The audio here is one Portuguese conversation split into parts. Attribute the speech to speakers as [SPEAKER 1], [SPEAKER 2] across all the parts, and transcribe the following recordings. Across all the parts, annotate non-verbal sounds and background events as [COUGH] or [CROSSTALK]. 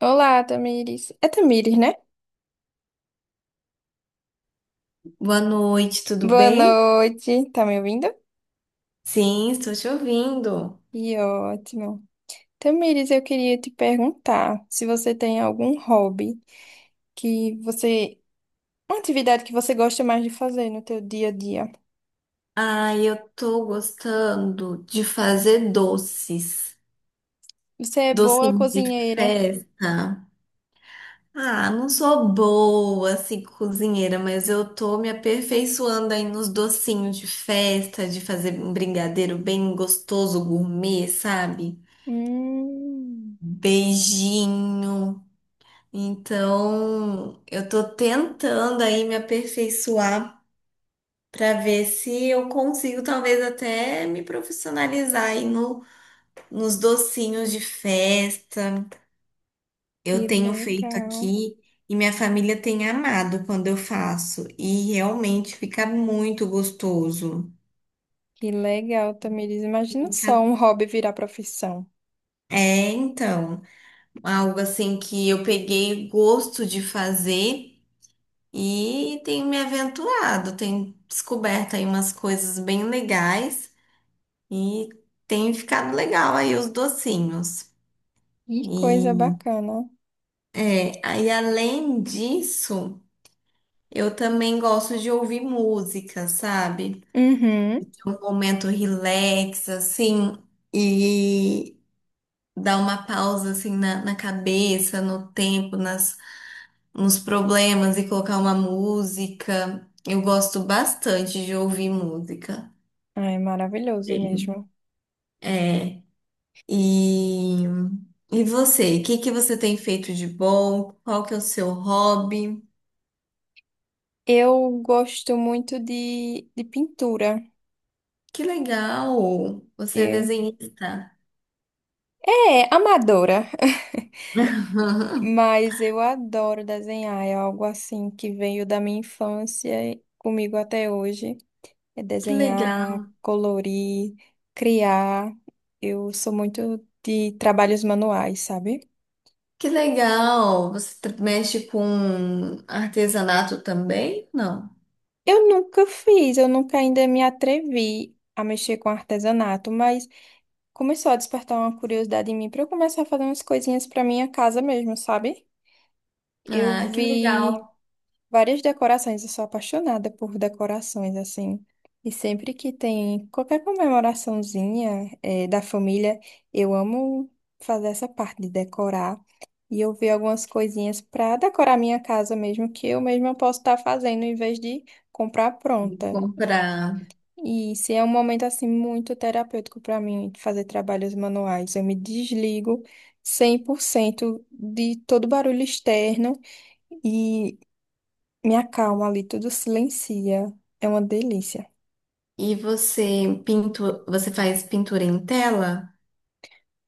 [SPEAKER 1] Olá, Tamires. É Tamires, né?
[SPEAKER 2] Boa noite, tudo
[SPEAKER 1] Boa
[SPEAKER 2] bem?
[SPEAKER 1] noite. Tá me ouvindo?
[SPEAKER 2] Sim, estou te ouvindo.
[SPEAKER 1] Que ótimo. Tamires, eu queria te perguntar se você tem algum hobby que você. Uma atividade que você gosta mais de fazer no teu dia a dia.
[SPEAKER 2] Ah, eu tô gostando de fazer doces,
[SPEAKER 1] Você é boa
[SPEAKER 2] docinhos de
[SPEAKER 1] cozinheira.
[SPEAKER 2] festa. Ah, não sou boa assim cozinheira, mas eu tô me aperfeiçoando aí nos docinhos de festa, de fazer um brigadeiro bem gostoso, gourmet, sabe?
[SPEAKER 1] Hum,
[SPEAKER 2] Beijinho. Então, eu tô tentando aí me aperfeiçoar, para ver se eu consigo talvez até me profissionalizar aí no, nos docinhos de festa. Eu
[SPEAKER 1] que
[SPEAKER 2] tenho feito
[SPEAKER 1] legal.
[SPEAKER 2] aqui e minha família tem amado quando eu faço e realmente fica muito gostoso.
[SPEAKER 1] Que legal, Tamires. Imagina só
[SPEAKER 2] Fica-
[SPEAKER 1] um hobby virar profissão.
[SPEAKER 2] É, então, algo assim que eu peguei gosto de fazer. E tenho me aventurado, tenho descoberto aí umas coisas bem legais e tem ficado legal aí os docinhos.
[SPEAKER 1] Que coisa
[SPEAKER 2] E,
[SPEAKER 1] bacana.
[SPEAKER 2] aí além disso, eu também gosto de ouvir música, sabe? Ter
[SPEAKER 1] Uhum.
[SPEAKER 2] um momento relax, assim, e dar uma pausa, assim, na cabeça, no tempo, nos problemas e colocar uma música. Eu gosto bastante de ouvir música.
[SPEAKER 1] Ai, maravilhoso mesmo.
[SPEAKER 2] É, e, e você? O que que você tem feito de bom? Qual que é o seu hobby?
[SPEAKER 1] Eu gosto muito de pintura.
[SPEAKER 2] Que legal! Você é
[SPEAKER 1] E-
[SPEAKER 2] desenhista.
[SPEAKER 1] É, amadora, [LAUGHS]
[SPEAKER 2] [LAUGHS]
[SPEAKER 1] mas eu adoro desenhar. É algo assim que veio da minha infância e comigo até hoje. É
[SPEAKER 2] Que
[SPEAKER 1] desenhar,
[SPEAKER 2] legal.
[SPEAKER 1] colorir, criar. Eu sou muito de trabalhos manuais, sabe?
[SPEAKER 2] Que legal. Você mexe com artesanato também? Não.
[SPEAKER 1] Eu nunca fiz, eu nunca ainda me atrevi a mexer com artesanato, mas começou a despertar uma curiosidade em mim para eu começar a fazer umas coisinhas para minha casa mesmo, sabe? Eu
[SPEAKER 2] Ah, que legal.
[SPEAKER 1] vi várias decorações, eu sou apaixonada por decorações, assim. E sempre que tem qualquer comemoraçãozinha, da família, eu amo fazer essa parte de decorar. E eu vi algumas coisinhas para decorar minha casa mesmo, que eu mesma posso estar fazendo em vez de comprar pronta.
[SPEAKER 2] Comprar.
[SPEAKER 1] E se é um momento assim muito terapêutico para mim fazer trabalhos manuais, eu me desligo 100% de todo barulho externo. Me acalma ali, tudo silencia. É uma delícia.
[SPEAKER 2] E você você faz pintura em tela?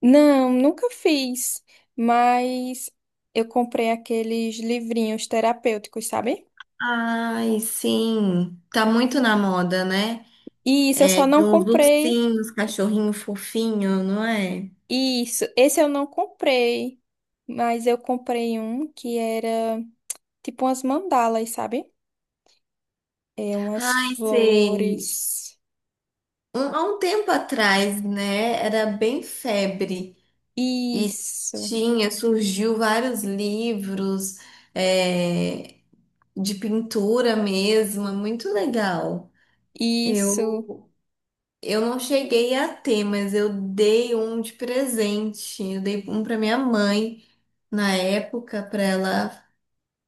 [SPEAKER 1] Não, nunca fiz, mas eu comprei aqueles livrinhos terapêuticos, sabe?
[SPEAKER 2] Ai, sim. Tá muito na moda, né?
[SPEAKER 1] E isso, eu
[SPEAKER 2] É
[SPEAKER 1] só
[SPEAKER 2] de
[SPEAKER 1] não
[SPEAKER 2] uns
[SPEAKER 1] comprei.
[SPEAKER 2] ursinhos, cachorrinho fofinho, não é?
[SPEAKER 1] Isso, esse eu não comprei, mas eu comprei um que era tipo umas mandalas, sabe? É umas
[SPEAKER 2] Ai, sei.
[SPEAKER 1] flores.
[SPEAKER 2] Há um tempo atrás, né? Era bem febre. E
[SPEAKER 1] Isso,
[SPEAKER 2] surgiu vários livros, é, de pintura mesmo, é muito legal.
[SPEAKER 1] isso.
[SPEAKER 2] Eu, eu não cheguei a ter, mas eu dei um de presente. Eu dei um para minha mãe na época, para ela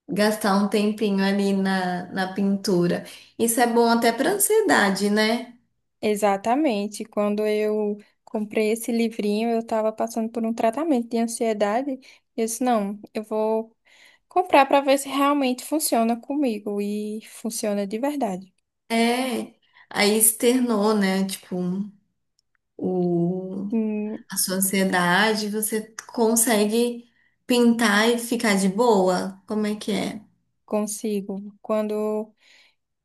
[SPEAKER 2] gastar um tempinho ali na pintura. Isso é bom até para ansiedade, né?
[SPEAKER 1] Exatamente. Quando eu comprei esse livrinho, eu estava passando por um tratamento de ansiedade. E eu disse, não, eu vou comprar para ver se realmente funciona comigo. E funciona de verdade.
[SPEAKER 2] É, aí externou, né? Tipo, o
[SPEAKER 1] Hum,
[SPEAKER 2] a sua ansiedade, você consegue pintar e ficar de boa? Como é que é?
[SPEAKER 1] consigo. Quando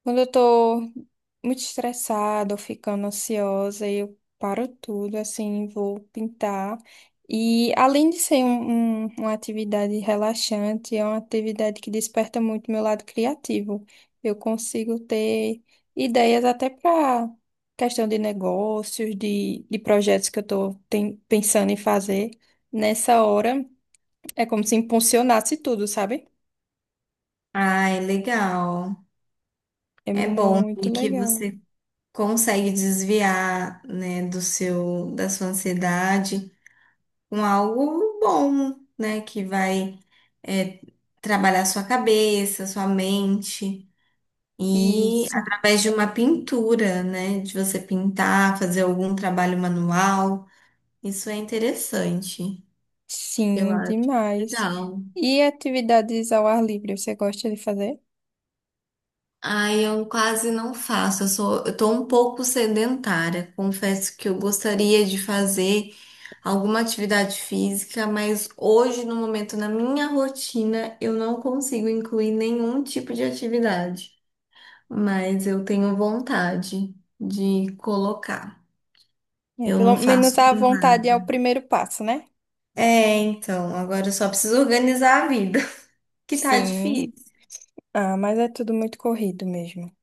[SPEAKER 1] Quando eu tô muito estressada ou ficando ansiosa, eu paro tudo, assim, vou pintar. E além de ser uma atividade relaxante, é uma atividade que desperta muito meu lado criativo. Eu consigo ter ideias até para questão de negócios, de projetos que eu estou pensando em fazer. Nessa hora, é como se impulsionasse tudo, sabe?
[SPEAKER 2] Ai, legal.
[SPEAKER 1] É
[SPEAKER 2] É bom
[SPEAKER 1] muito
[SPEAKER 2] e que
[SPEAKER 1] legal.
[SPEAKER 2] você consegue desviar, né, da sua ansiedade com algo bom, né, que vai é, trabalhar sua cabeça, sua mente e
[SPEAKER 1] Isso.
[SPEAKER 2] através de uma pintura, né, de você pintar, fazer algum trabalho manual. Isso é interessante. Eu
[SPEAKER 1] Sim,
[SPEAKER 2] acho
[SPEAKER 1] demais.
[SPEAKER 2] legal.
[SPEAKER 1] E atividades ao ar livre, você gosta de fazer?
[SPEAKER 2] Ai, eu quase não faço. Eu tô um pouco sedentária. Confesso que eu gostaria de fazer alguma atividade física, mas hoje, no momento, na minha rotina, eu não consigo incluir nenhum tipo de atividade. Mas eu tenho vontade de colocar.
[SPEAKER 1] É,
[SPEAKER 2] Eu
[SPEAKER 1] pelo
[SPEAKER 2] não
[SPEAKER 1] menos
[SPEAKER 2] faço.
[SPEAKER 1] a vontade é o primeiro passo, né?
[SPEAKER 2] É, então, agora eu só preciso organizar a vida, [LAUGHS] que tá
[SPEAKER 1] Sim.
[SPEAKER 2] difícil.
[SPEAKER 1] Ah, mas é tudo muito corrido mesmo,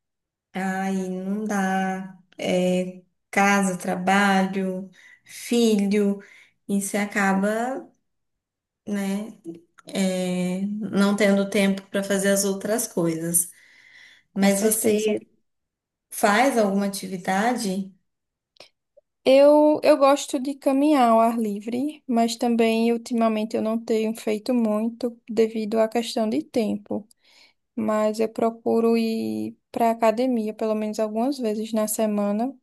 [SPEAKER 2] Ai, não dá. É, casa, trabalho, filho, e você acaba, né, não tendo tempo para fazer as outras coisas.
[SPEAKER 1] com
[SPEAKER 2] Mas você
[SPEAKER 1] certeza.
[SPEAKER 2] faz alguma atividade?
[SPEAKER 1] Eu gosto de caminhar ao ar livre, mas também ultimamente eu não tenho feito muito devido à questão de tempo. Mas eu procuro ir para academia pelo menos algumas vezes na semana.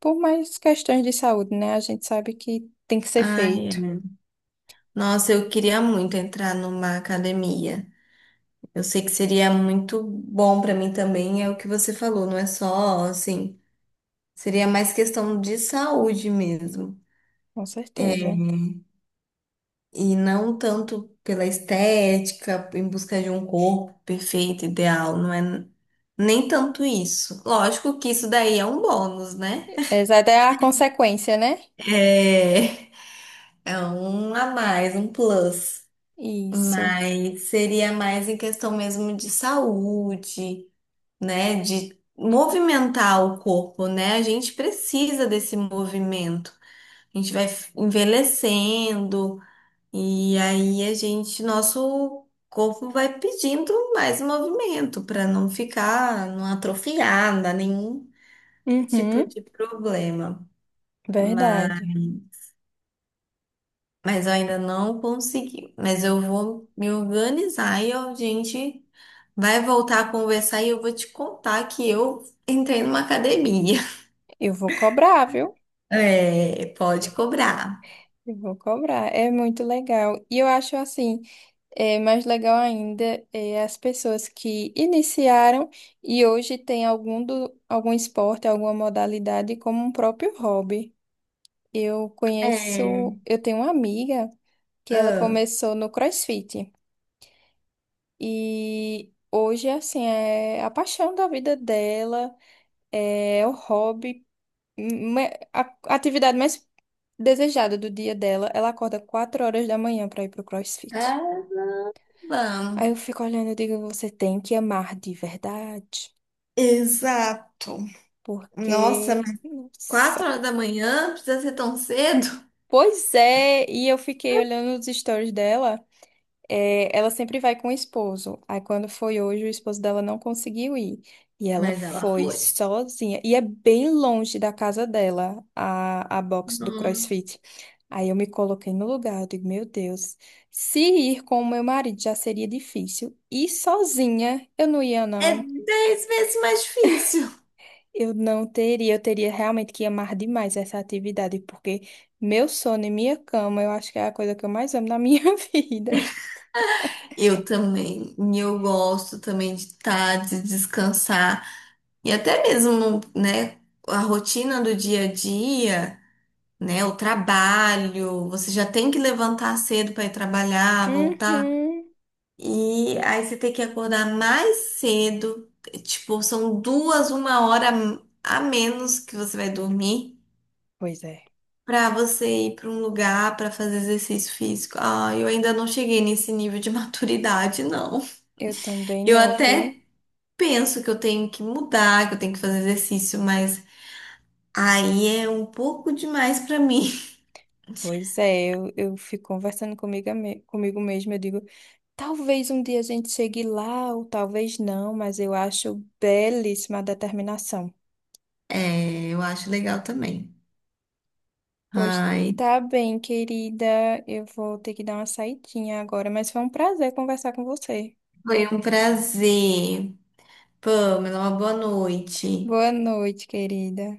[SPEAKER 1] Por mais questões de saúde, né? A gente sabe que tem que ser
[SPEAKER 2] Ai,
[SPEAKER 1] feito.
[SPEAKER 2] nossa, eu queria muito entrar numa academia. Eu sei que seria muito bom para mim também, é o que você falou, não é só assim, seria mais questão de saúde mesmo.
[SPEAKER 1] Com
[SPEAKER 2] É,
[SPEAKER 1] certeza.
[SPEAKER 2] e não tanto pela estética, em busca de um corpo perfeito, ideal, não é nem tanto isso. Lógico que isso daí é um bônus, né?
[SPEAKER 1] Essa é a consequência, né?
[SPEAKER 2] É, é um a mais, um plus.
[SPEAKER 1] Isso.
[SPEAKER 2] Mas seria mais em questão mesmo de saúde, né? De movimentar o corpo, né? A gente precisa desse movimento. A gente vai envelhecendo. E aí nosso corpo vai pedindo mais movimento para não ficar, não atrofiar, dar nenhum tipo
[SPEAKER 1] Uhum,
[SPEAKER 2] de problema. Mas,
[SPEAKER 1] verdade.
[SPEAKER 2] mas eu ainda não consegui. Mas eu vou me organizar e a gente vai voltar a conversar e eu vou te contar que eu entrei numa academia. [LAUGHS]
[SPEAKER 1] Eu vou cobrar, viu?
[SPEAKER 2] É, pode cobrar.
[SPEAKER 1] Eu vou cobrar. É muito legal. E eu acho assim. É, mais legal ainda é as pessoas que iniciaram e hoje têm algum, do, algum esporte, alguma modalidade como um próprio hobby. Eu
[SPEAKER 2] É.
[SPEAKER 1] conheço, eu tenho uma amiga que ela
[SPEAKER 2] Ah,
[SPEAKER 1] começou no CrossFit e hoje, assim, é a paixão da vida dela, é o hobby, é a atividade mais desejada do dia dela. Ela acorda 4 horas da manhã para ir pro CrossFit.
[SPEAKER 2] tá bom.
[SPEAKER 1] Aí eu fico olhando e digo, você tem que amar de verdade,
[SPEAKER 2] Exato. Nossa,
[SPEAKER 1] porque,
[SPEAKER 2] Quatro
[SPEAKER 1] nossa.
[SPEAKER 2] horas da manhã, precisa ser tão cedo?
[SPEAKER 1] Pois é, e eu fiquei olhando os stories dela. É, ela sempre vai com o esposo. Aí quando foi hoje, o esposo dela não conseguiu ir. E ela
[SPEAKER 2] Mas ela
[SPEAKER 1] foi
[SPEAKER 2] foi.
[SPEAKER 1] sozinha. E é bem longe da casa dela, a box do
[SPEAKER 2] Hum.
[SPEAKER 1] CrossFit. Aí eu me coloquei no lugar, eu digo, meu Deus, se ir com o meu marido já seria difícil. E sozinha, eu não ia,
[SPEAKER 2] É
[SPEAKER 1] não.
[SPEAKER 2] 10 vezes mais difícil.
[SPEAKER 1] Eu não teria, eu teria realmente que amar demais essa atividade, porque meu sono e minha cama, eu acho que é a coisa que eu mais amo na minha [LAUGHS] vida.
[SPEAKER 2] Eu também, e eu gosto também de descansar. E até mesmo, né, a rotina do dia a dia, né, o trabalho, você já tem que levantar cedo para ir trabalhar, voltar.
[SPEAKER 1] Uhum.
[SPEAKER 2] E aí você tem que acordar mais cedo, tipo, são duas, 1 hora a menos que você vai dormir,
[SPEAKER 1] Pois é.
[SPEAKER 2] para você ir para um lugar para fazer exercício físico. Ah, eu ainda não cheguei nesse nível de [LAUGHS] maturidade, não.
[SPEAKER 1] Eu também
[SPEAKER 2] Eu
[SPEAKER 1] não, viu?
[SPEAKER 2] até penso que eu tenho que mudar, que eu tenho que fazer exercício, mas aí é um pouco demais para mim. [LAUGHS]
[SPEAKER 1] Pois é, eu fico conversando comigo, comigo mesma, eu digo, talvez um dia a gente chegue lá, ou talvez não, mas eu acho belíssima a determinação.
[SPEAKER 2] É, eu acho legal também.
[SPEAKER 1] Pois
[SPEAKER 2] Ai,
[SPEAKER 1] tá bem, querida. Eu vou ter que dar uma saidinha agora, mas foi um prazer conversar com você.
[SPEAKER 2] foi um prazer. Pamela, uma boa noite.
[SPEAKER 1] Boa noite, querida.